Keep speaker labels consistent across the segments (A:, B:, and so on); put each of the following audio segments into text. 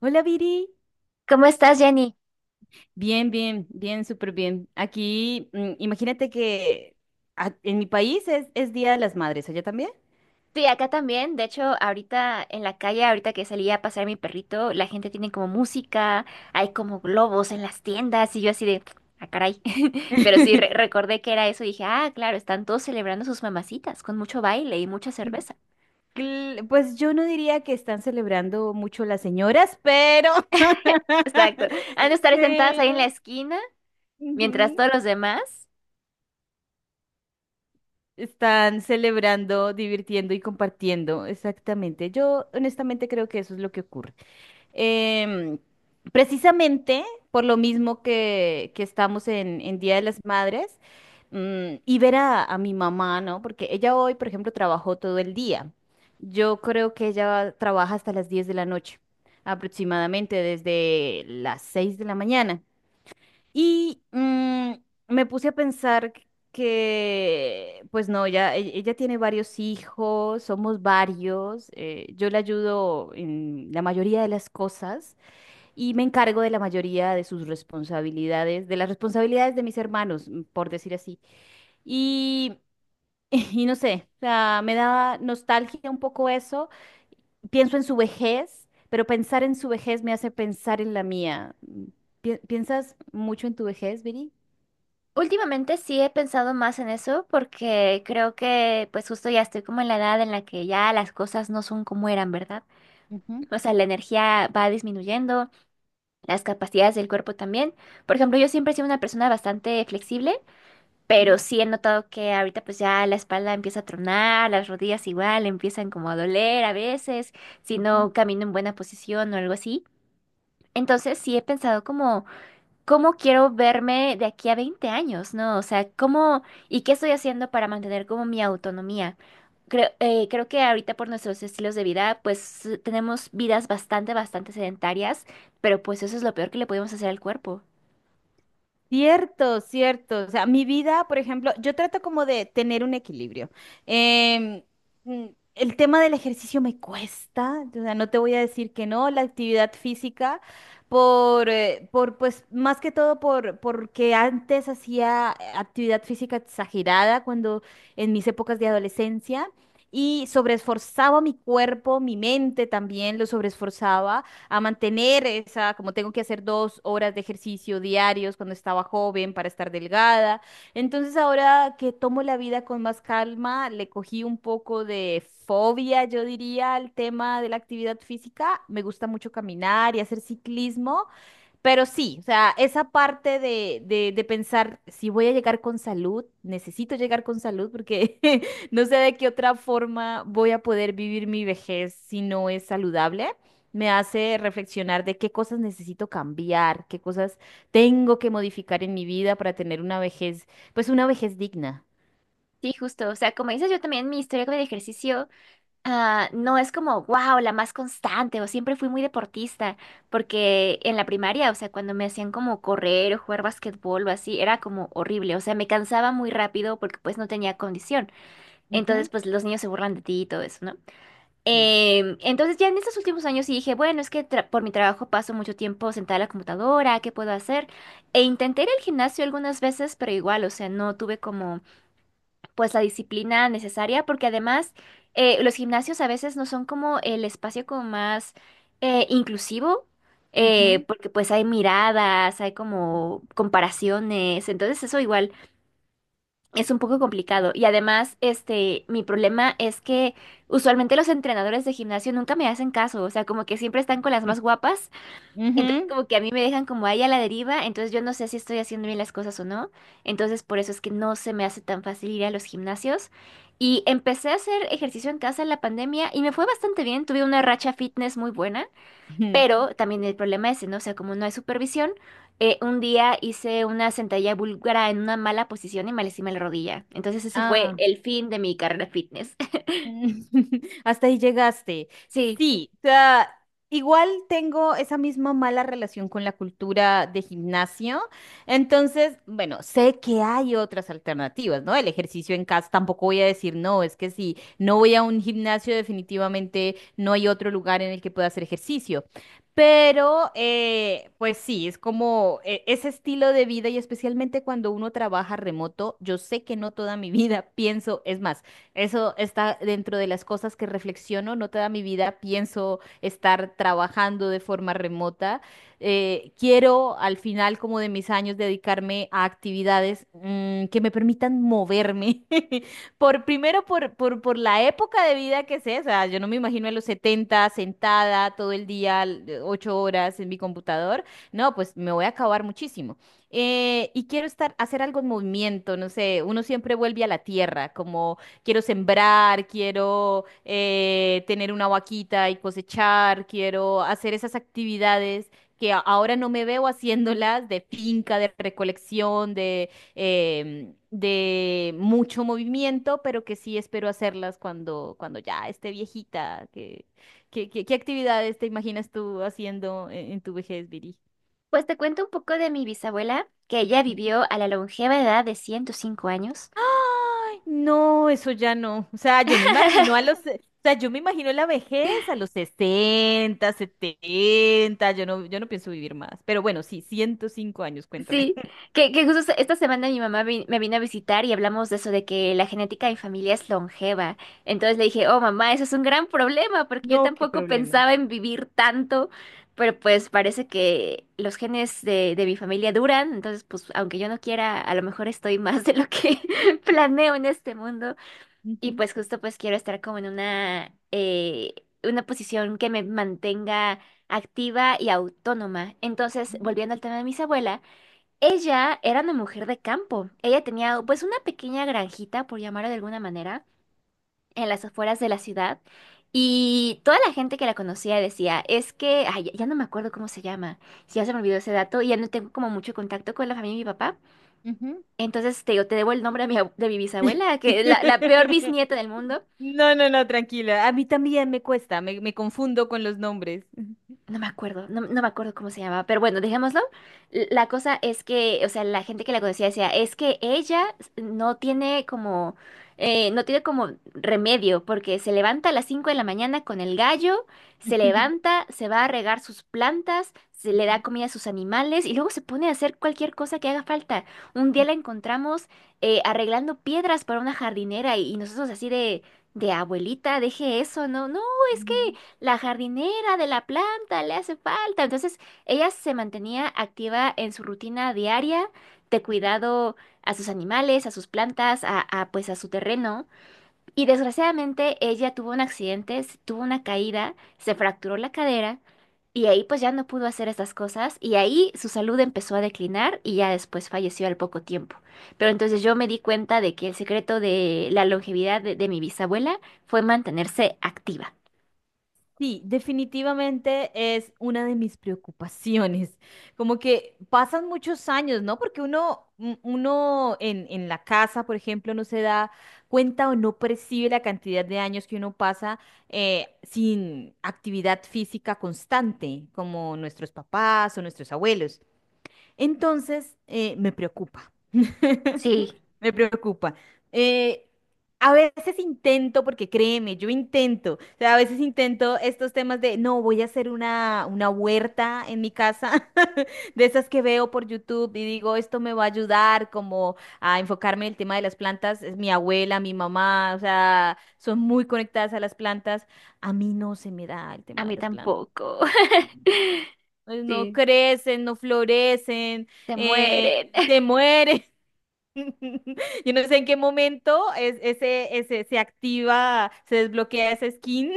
A: Hola, Viri.
B: ¿Cómo estás, Jenny?
A: Bien, bien, bien, súper bien. Aquí, imagínate que en mi país es Día de las Madres, ¿allá también?
B: Sí, acá también. De hecho, ahorita en la calle, ahorita que salí a pasear mi perrito, la gente tiene como música, hay como globos en las tiendas y yo así de, ah, caray. Pero sí, recordé que era eso y dije, ah, claro, están todos celebrando sus mamacitas con mucho baile y mucha cerveza.
A: Pues yo no diría que están celebrando mucho las señoras, pero,
B: Exacto. Han de estar sentadas ahí en
A: pero.
B: la esquina, mientras
A: Ujú.
B: todos los demás.
A: Están celebrando, divirtiendo y compartiendo, exactamente. Yo honestamente creo que eso es lo que ocurre. Em, Precisamente por lo mismo que estamos en Día de las Madres. Y ver a mi mamá, ¿no? Porque ella hoy, por ejemplo, trabajó todo el día. Yo creo que ella trabaja hasta las 10 de la noche, aproximadamente desde las 6 de la mañana. Y me puse a pensar que, pues no, ya, ella tiene varios hijos, somos varios, yo le ayudo en la mayoría de las cosas y me encargo de la mayoría de sus responsabilidades, de las responsabilidades de mis hermanos, por decir así. Y, y no sé, o sea, me da nostalgia un poco eso. Pienso en su vejez, pero pensar en su vejez me hace pensar en la mía. ¿Piensas mucho en tu vejez, Viri?
B: Últimamente sí he pensado más en eso porque creo que pues justo ya estoy como en la edad en la que ya las cosas no son como eran, ¿verdad?
A: Ujú.
B: O sea, la energía va disminuyendo, las capacidades del cuerpo también. Por ejemplo, yo siempre he sido una persona bastante flexible, pero
A: Ujú.
B: sí he notado que ahorita pues ya la espalda empieza a tronar, las rodillas igual empiezan como a doler a veces, si
A: Ujú.
B: no camino en buena posición o algo así. Entonces sí he pensado como ¿cómo quiero verme de aquí a 20 años? ¿No? O sea, ¿cómo y qué estoy haciendo para mantener como mi autonomía? Creo, creo que ahorita por nuestros estilos de vida, pues tenemos vidas bastante sedentarias, pero pues eso es lo peor que le podemos hacer al cuerpo.
A: Cierto, cierto. O sea, mi vida, por ejemplo, yo trato como de tener un equilibrio. Em, mm, el tema del ejercicio me cuesta, o sea, no te voy a decir que no, la actividad física, por pues, más que todo porque antes hacía actividad física exagerada cuando en mis épocas de adolescencia y sobreesforzaba mi cuerpo, mi mente también lo sobreesforzaba a mantener esa, como tengo que hacer 2 horas de ejercicio diarios cuando estaba joven para estar delgada. Entonces ahora que tomo la vida con más calma, le cogí un poco de fobia, yo diría, al tema de la actividad física. Me gusta mucho caminar y hacer ciclismo. Pero sí, o sea, esa parte de pensar si voy a llegar con salud, necesito llegar con salud porque no sé de qué otra forma voy a poder vivir mi vejez si no es saludable, me hace reflexionar de qué cosas necesito cambiar, qué cosas tengo que modificar en mi vida para tener una vejez, pues una vejez digna.
B: Sí, justo. O sea, como dices, yo también mi historia con el ejercicio. Ah, no es como, wow, la más constante o siempre fui muy deportista, porque en la primaria, o sea, cuando me hacían como correr o jugar basquetbol o así, era como horrible, o sea, me cansaba muy rápido porque pues no tenía condición. Entonces,
A: Ujú.
B: pues los niños se burlan de ti y todo eso, ¿no?
A: Sí.
B: Entonces, ya en estos últimos años sí dije, bueno, es que por mi trabajo paso mucho tiempo sentada a la computadora, ¿qué puedo hacer? E intenté ir al gimnasio algunas veces, pero igual, o sea, no tuve como pues la disciplina necesaria, porque además los gimnasios a veces no son como el espacio como más inclusivo,
A: Ujú.
B: porque pues hay miradas, hay
A: Mm.
B: como comparaciones, entonces eso igual es un poco complicado. Y además, este, mi problema es que usualmente los entrenadores de gimnasio nunca me hacen caso, o sea, como que siempre están con las más guapas, entonces,
A: Ujú.
B: como que a mí me dejan como ahí a la deriva, entonces yo no sé si estoy haciendo bien las cosas o no. Entonces, por eso es que no se me hace tan fácil ir a los gimnasios. Y empecé a hacer ejercicio en casa en la pandemia y me fue bastante bien. Tuve una racha fitness muy buena,
A: Ujú.
B: pero también el problema es, ¿no? O sea, como no hay supervisión, un día hice una sentadilla búlgara en una mala posición y me lastimé la rodilla. Entonces, ese fue
A: Ah.
B: el fin de mi carrera fitness.
A: Hasta ahí llegaste.
B: Sí.
A: Sí, o sea, igual tengo esa misma mala relación con la cultura de gimnasio. Entonces, bueno, sé que hay otras alternativas, ¿no? El ejercicio en casa, tampoco voy a decir no, es que si no voy a un gimnasio, definitivamente no hay otro lugar en el que pueda hacer ejercicio. Pero, pues sí, es como ese estilo de vida y especialmente cuando uno trabaja remoto, yo sé que no toda mi vida pienso, es más. Eso está dentro de las cosas que reflexiono. No toda mi vida pienso estar trabajando de forma remota. Quiero al final como de mis años dedicarme a actividades que me permitan moverme. Por primero por la época de vida que sé, o sea, yo no me imagino a los 70 sentada todo el día, 8 horas en mi computador. No, pues me voy a acabar muchísimo. Y quiero estar, hacer algo en movimiento, no sé, uno siempre vuelve a la tierra, como quiero sembrar, quiero tener una vaquita y cosechar, quiero hacer esas actividades que ahora no me veo haciéndolas de finca, de recolección, de mucho movimiento, pero que sí espero hacerlas cuando ya esté viejita. ¿Qué actividades te imaginas tú haciendo en tu vejez, Viri?
B: Pues te cuento un poco de mi bisabuela, que ella vivió a la longeva edad de 105 años.
A: Ay, no, eso ya no. O sea, yo me imagino a los, o sea, yo me imagino la vejez a los 60, 70. Yo no pienso vivir más. Pero bueno, sí, 105 años, cuéntame.
B: Sí, que justo esta semana mi mamá me vino a visitar y hablamos de eso, de que la genética de mi familia es longeva. Entonces le dije, oh mamá, eso es un gran problema, porque yo
A: Ok,
B: tampoco
A: pero...
B: pensaba en vivir tanto, pero pues parece que los genes de mi familia duran, entonces pues aunque yo no quiera, a lo mejor estoy más de lo que planeo en este mundo. Y
A: Ujú.
B: pues justo pues quiero estar como en una posición que me mantenga activa y autónoma. Entonces,
A: Ujú.
B: volviendo al tema de mis abuelas, ella era una mujer de campo. Ella tenía pues una pequeña granjita, por llamarlo de alguna manera, en las afueras de la ciudad. Y toda la gente que la conocía decía, es que, ay, ya no me acuerdo cómo se llama, ya se me olvidó ese dato y ya no tengo como mucho contacto con la familia de mi papá.
A: Ujú.
B: Entonces te digo, te debo el nombre de mi, de mi bisabuela, que es la, la peor bisnieta del mundo.
A: No, no, no, tranquila. A mí también me cuesta, me confundo con los nombres.
B: No me acuerdo, no me acuerdo cómo se llamaba, pero bueno, dejémoslo. La cosa es que, o sea, la gente que la conocía decía, es que ella no tiene como, no tiene como remedio, porque se levanta a las 5 de la mañana con el gallo, se levanta, se va a regar sus plantas, se le da
A: Ujú.
B: comida a sus animales y luego se pone a hacer cualquier cosa que haga falta. Un día la encontramos arreglando piedras para una jardinera y nosotros así de abuelita, deje eso, no, no, es que
A: Ujú.
B: la jardinera de la plaza falta, le hace falta. Entonces, ella se mantenía activa en su rutina diaria de cuidado a sus animales, a sus plantas, pues a su terreno. Y desgraciadamente ella tuvo un accidente, tuvo una caída, se fracturó la cadera y ahí pues ya no pudo hacer estas cosas y ahí su salud empezó a declinar y ya después falleció al poco tiempo. Pero entonces yo me di cuenta de que el secreto de la longevidad de mi bisabuela fue mantenerse activa.
A: Sí, definitivamente es una de mis preocupaciones. Como que pasan muchos años, ¿no? Porque uno en la casa, por ejemplo, no se da cuenta o no percibe la cantidad de años que uno pasa sin actividad física constante, como nuestros papás o nuestros abuelos. Entonces, me preocupa.
B: Sí,
A: Me preocupa. Eh, a veces intento, porque créeme, yo intento, o sea, a veces intento estos temas de, no, voy a hacer una huerta en mi casa, de esas que veo por YouTube y digo, esto me va a ayudar como a enfocarme en el tema de las plantas. Es mi abuela, mi mamá, o sea, son muy conectadas a las plantas. A mí no se me da el
B: a
A: tema de
B: mí
A: las plantas.
B: tampoco.
A: No
B: Sí,
A: crecen, no florecen,
B: se
A: eh,
B: mueren.
A: se mueren. Yo no sé en qué momento se activa, se desbloquea esa skin,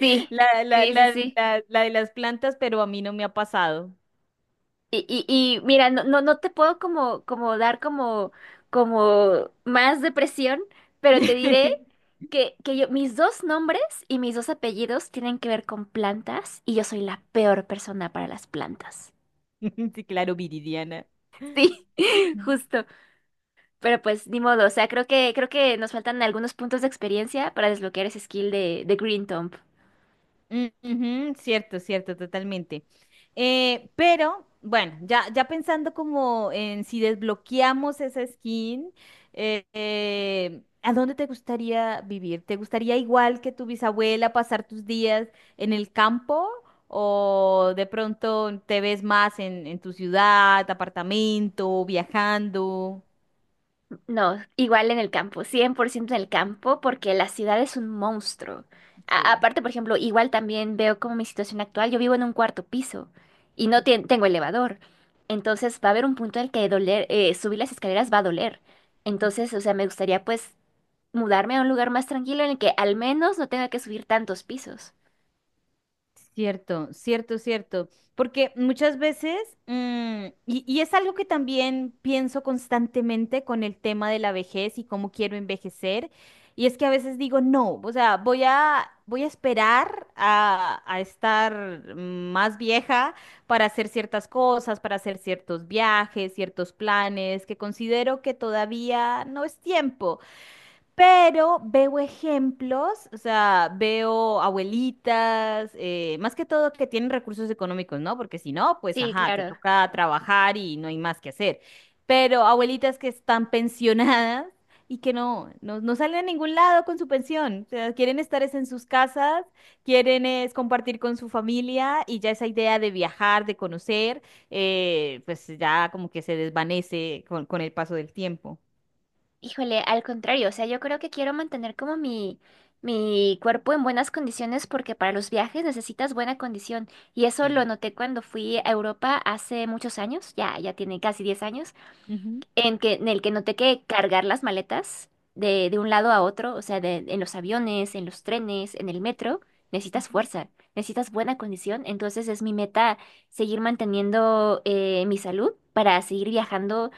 B: Sí,
A: la, la,
B: sí, sí,
A: la,
B: sí.
A: la de las plantas, pero a mí no me ha pasado.
B: Y mira, no te puedo como, como dar como, como más depresión, pero te diré que yo, mis dos nombres y mis dos apellidos tienen que ver con plantas y yo soy la peor persona para las plantas.
A: Sí, claro, Viridiana.
B: Sí, justo. Pero pues ni modo, o sea, creo que nos faltan algunos puntos de experiencia para desbloquear ese skill de Green Thumb.
A: Mm. Ujú. Cierto, cierto, totalmente. Pero bueno, ya pensando como en si desbloqueamos esa skin, ¿a dónde te gustaría vivir? ¿Te gustaría igual que tu bisabuela pasar tus días en el campo o de pronto te ves más en tu ciudad, apartamento, viajando?
B: No, igual en el campo, 100% en el campo, porque la ciudad es un monstruo.
A: Sí.
B: Aparte, por ejemplo, igual también veo como mi situación actual, yo vivo en un cuarto piso y no tengo elevador. Entonces va a haber un punto en el que doler, subir las escaleras va a doler. Entonces, o sea, me gustaría pues mudarme a un lugar más tranquilo en el que al menos no tenga que subir tantos pisos.
A: Cierto, cierto, cierto. Porque muchas veces, y es algo que también pienso constantemente con el tema de la vejez y cómo quiero envejecer, y es que a veces digo, no, o sea, voy a esperar a estar más vieja para hacer ciertas cosas, para hacer ciertos viajes, ciertos planes, que considero que todavía no es tiempo. Pero veo ejemplos, o sea, veo abuelitas, más que todo que tienen recursos económicos, ¿no? Porque si no, pues
B: Sí,
A: ajá, te
B: claro.
A: toca trabajar y no hay más que hacer. Pero abuelitas que están pensionadas y que no, no, no salen a ningún lado con su pensión. O sea, quieren estar es en sus casas, quieren es compartir con su familia y ya esa idea de viajar, de conocer, pues ya como que se desvanece con el paso del tiempo.
B: Híjole, al contrario, o sea, yo creo que quiero mantener como mi cuerpo en buenas condiciones porque para los viajes necesitas buena condición. Y eso lo
A: Sí.
B: noté cuando fui a Europa hace muchos años, ya tiene casi 10 años,
A: Ujú.
B: en que, en el que noté que cargar las maletas de un lado a otro, o sea, en los aviones, en los trenes, en el metro, necesitas
A: Ujú.
B: fuerza, necesitas buena condición. Entonces es mi meta seguir manteniendo mi salud para seguir viajando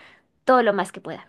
B: todo lo más que pueda.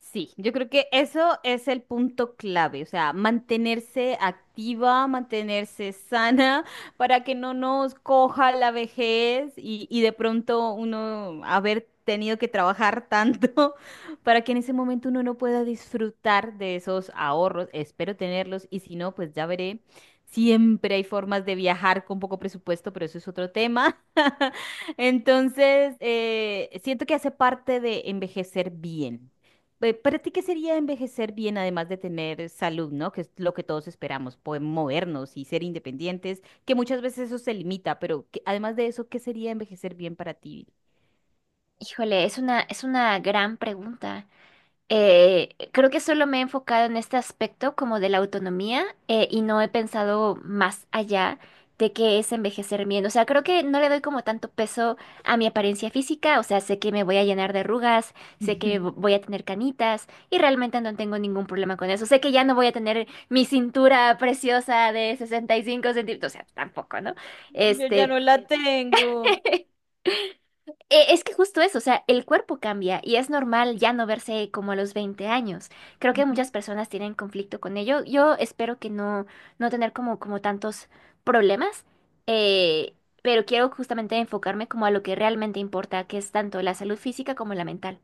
A: Sí, yo creo que eso es el punto clave, o sea, mantenerse activa, mantenerse sana para que no nos coja la vejez y de pronto uno haber tenido que trabajar tanto para que en ese momento uno no pueda disfrutar de esos ahorros. Espero tenerlos y si no, pues ya veré. Siempre hay formas de viajar con poco presupuesto, pero eso es otro tema. Entonces, siento que hace parte de envejecer bien. ¿Para ti qué sería envejecer bien, además de tener salud, ¿no? Que es lo que todos esperamos, poder movernos y ser independientes, que muchas veces eso se limita, pero además de eso, ¿qué sería envejecer bien para ti?
B: Híjole, es una gran pregunta. Creo que solo me he enfocado en este aspecto como de la autonomía y no he pensado más allá de qué es envejecer bien. O sea, creo que no le doy como tanto peso a mi apariencia física. O sea, sé que me voy a llenar de arrugas, sé que voy a tener canitas y realmente no tengo ningún problema con eso. Sé que ya no voy a tener mi cintura preciosa de 65 centímetros. O sea, tampoco, ¿no?
A: Yo ya
B: Este...
A: no la tengo.
B: Es que justo eso, o sea, el cuerpo cambia y es normal ya no verse como a los 20 años. Creo que muchas personas tienen conflicto con ello. Yo espero que no, no tener como, como tantos problemas, eh, pero quiero justamente enfocarme como a lo que realmente importa, que es tanto la salud física como la mental.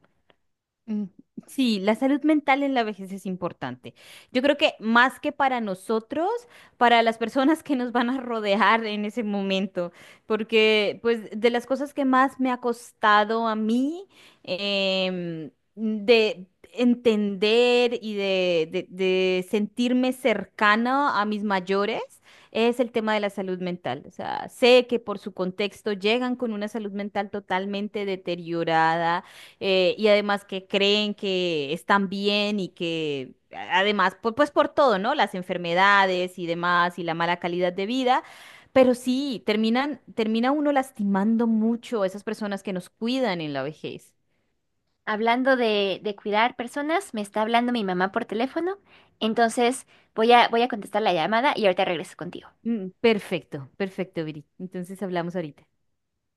A: Mm. Sí, la salud mental en la vejez es importante. Yo creo que más que para nosotros, para las personas que nos van a rodear en ese momento, porque pues de las cosas que más me ha costado a mí de entender y de sentirme cercana a mis mayores es el tema de la salud mental. O sea, sé que por su contexto llegan con una salud mental totalmente deteriorada, y además que creen que están bien y que además, pues, por todo, ¿no? Las enfermedades y demás y la mala calidad de vida. Pero sí, termina uno lastimando mucho a esas personas que nos cuidan en la vejez.
B: Hablando de cuidar personas, me está hablando mi mamá por teléfono, entonces voy voy a contestar la llamada y ahorita regreso contigo.
A: Mm, perfecto, perfecto, Viri. Entonces hablamos ahorita.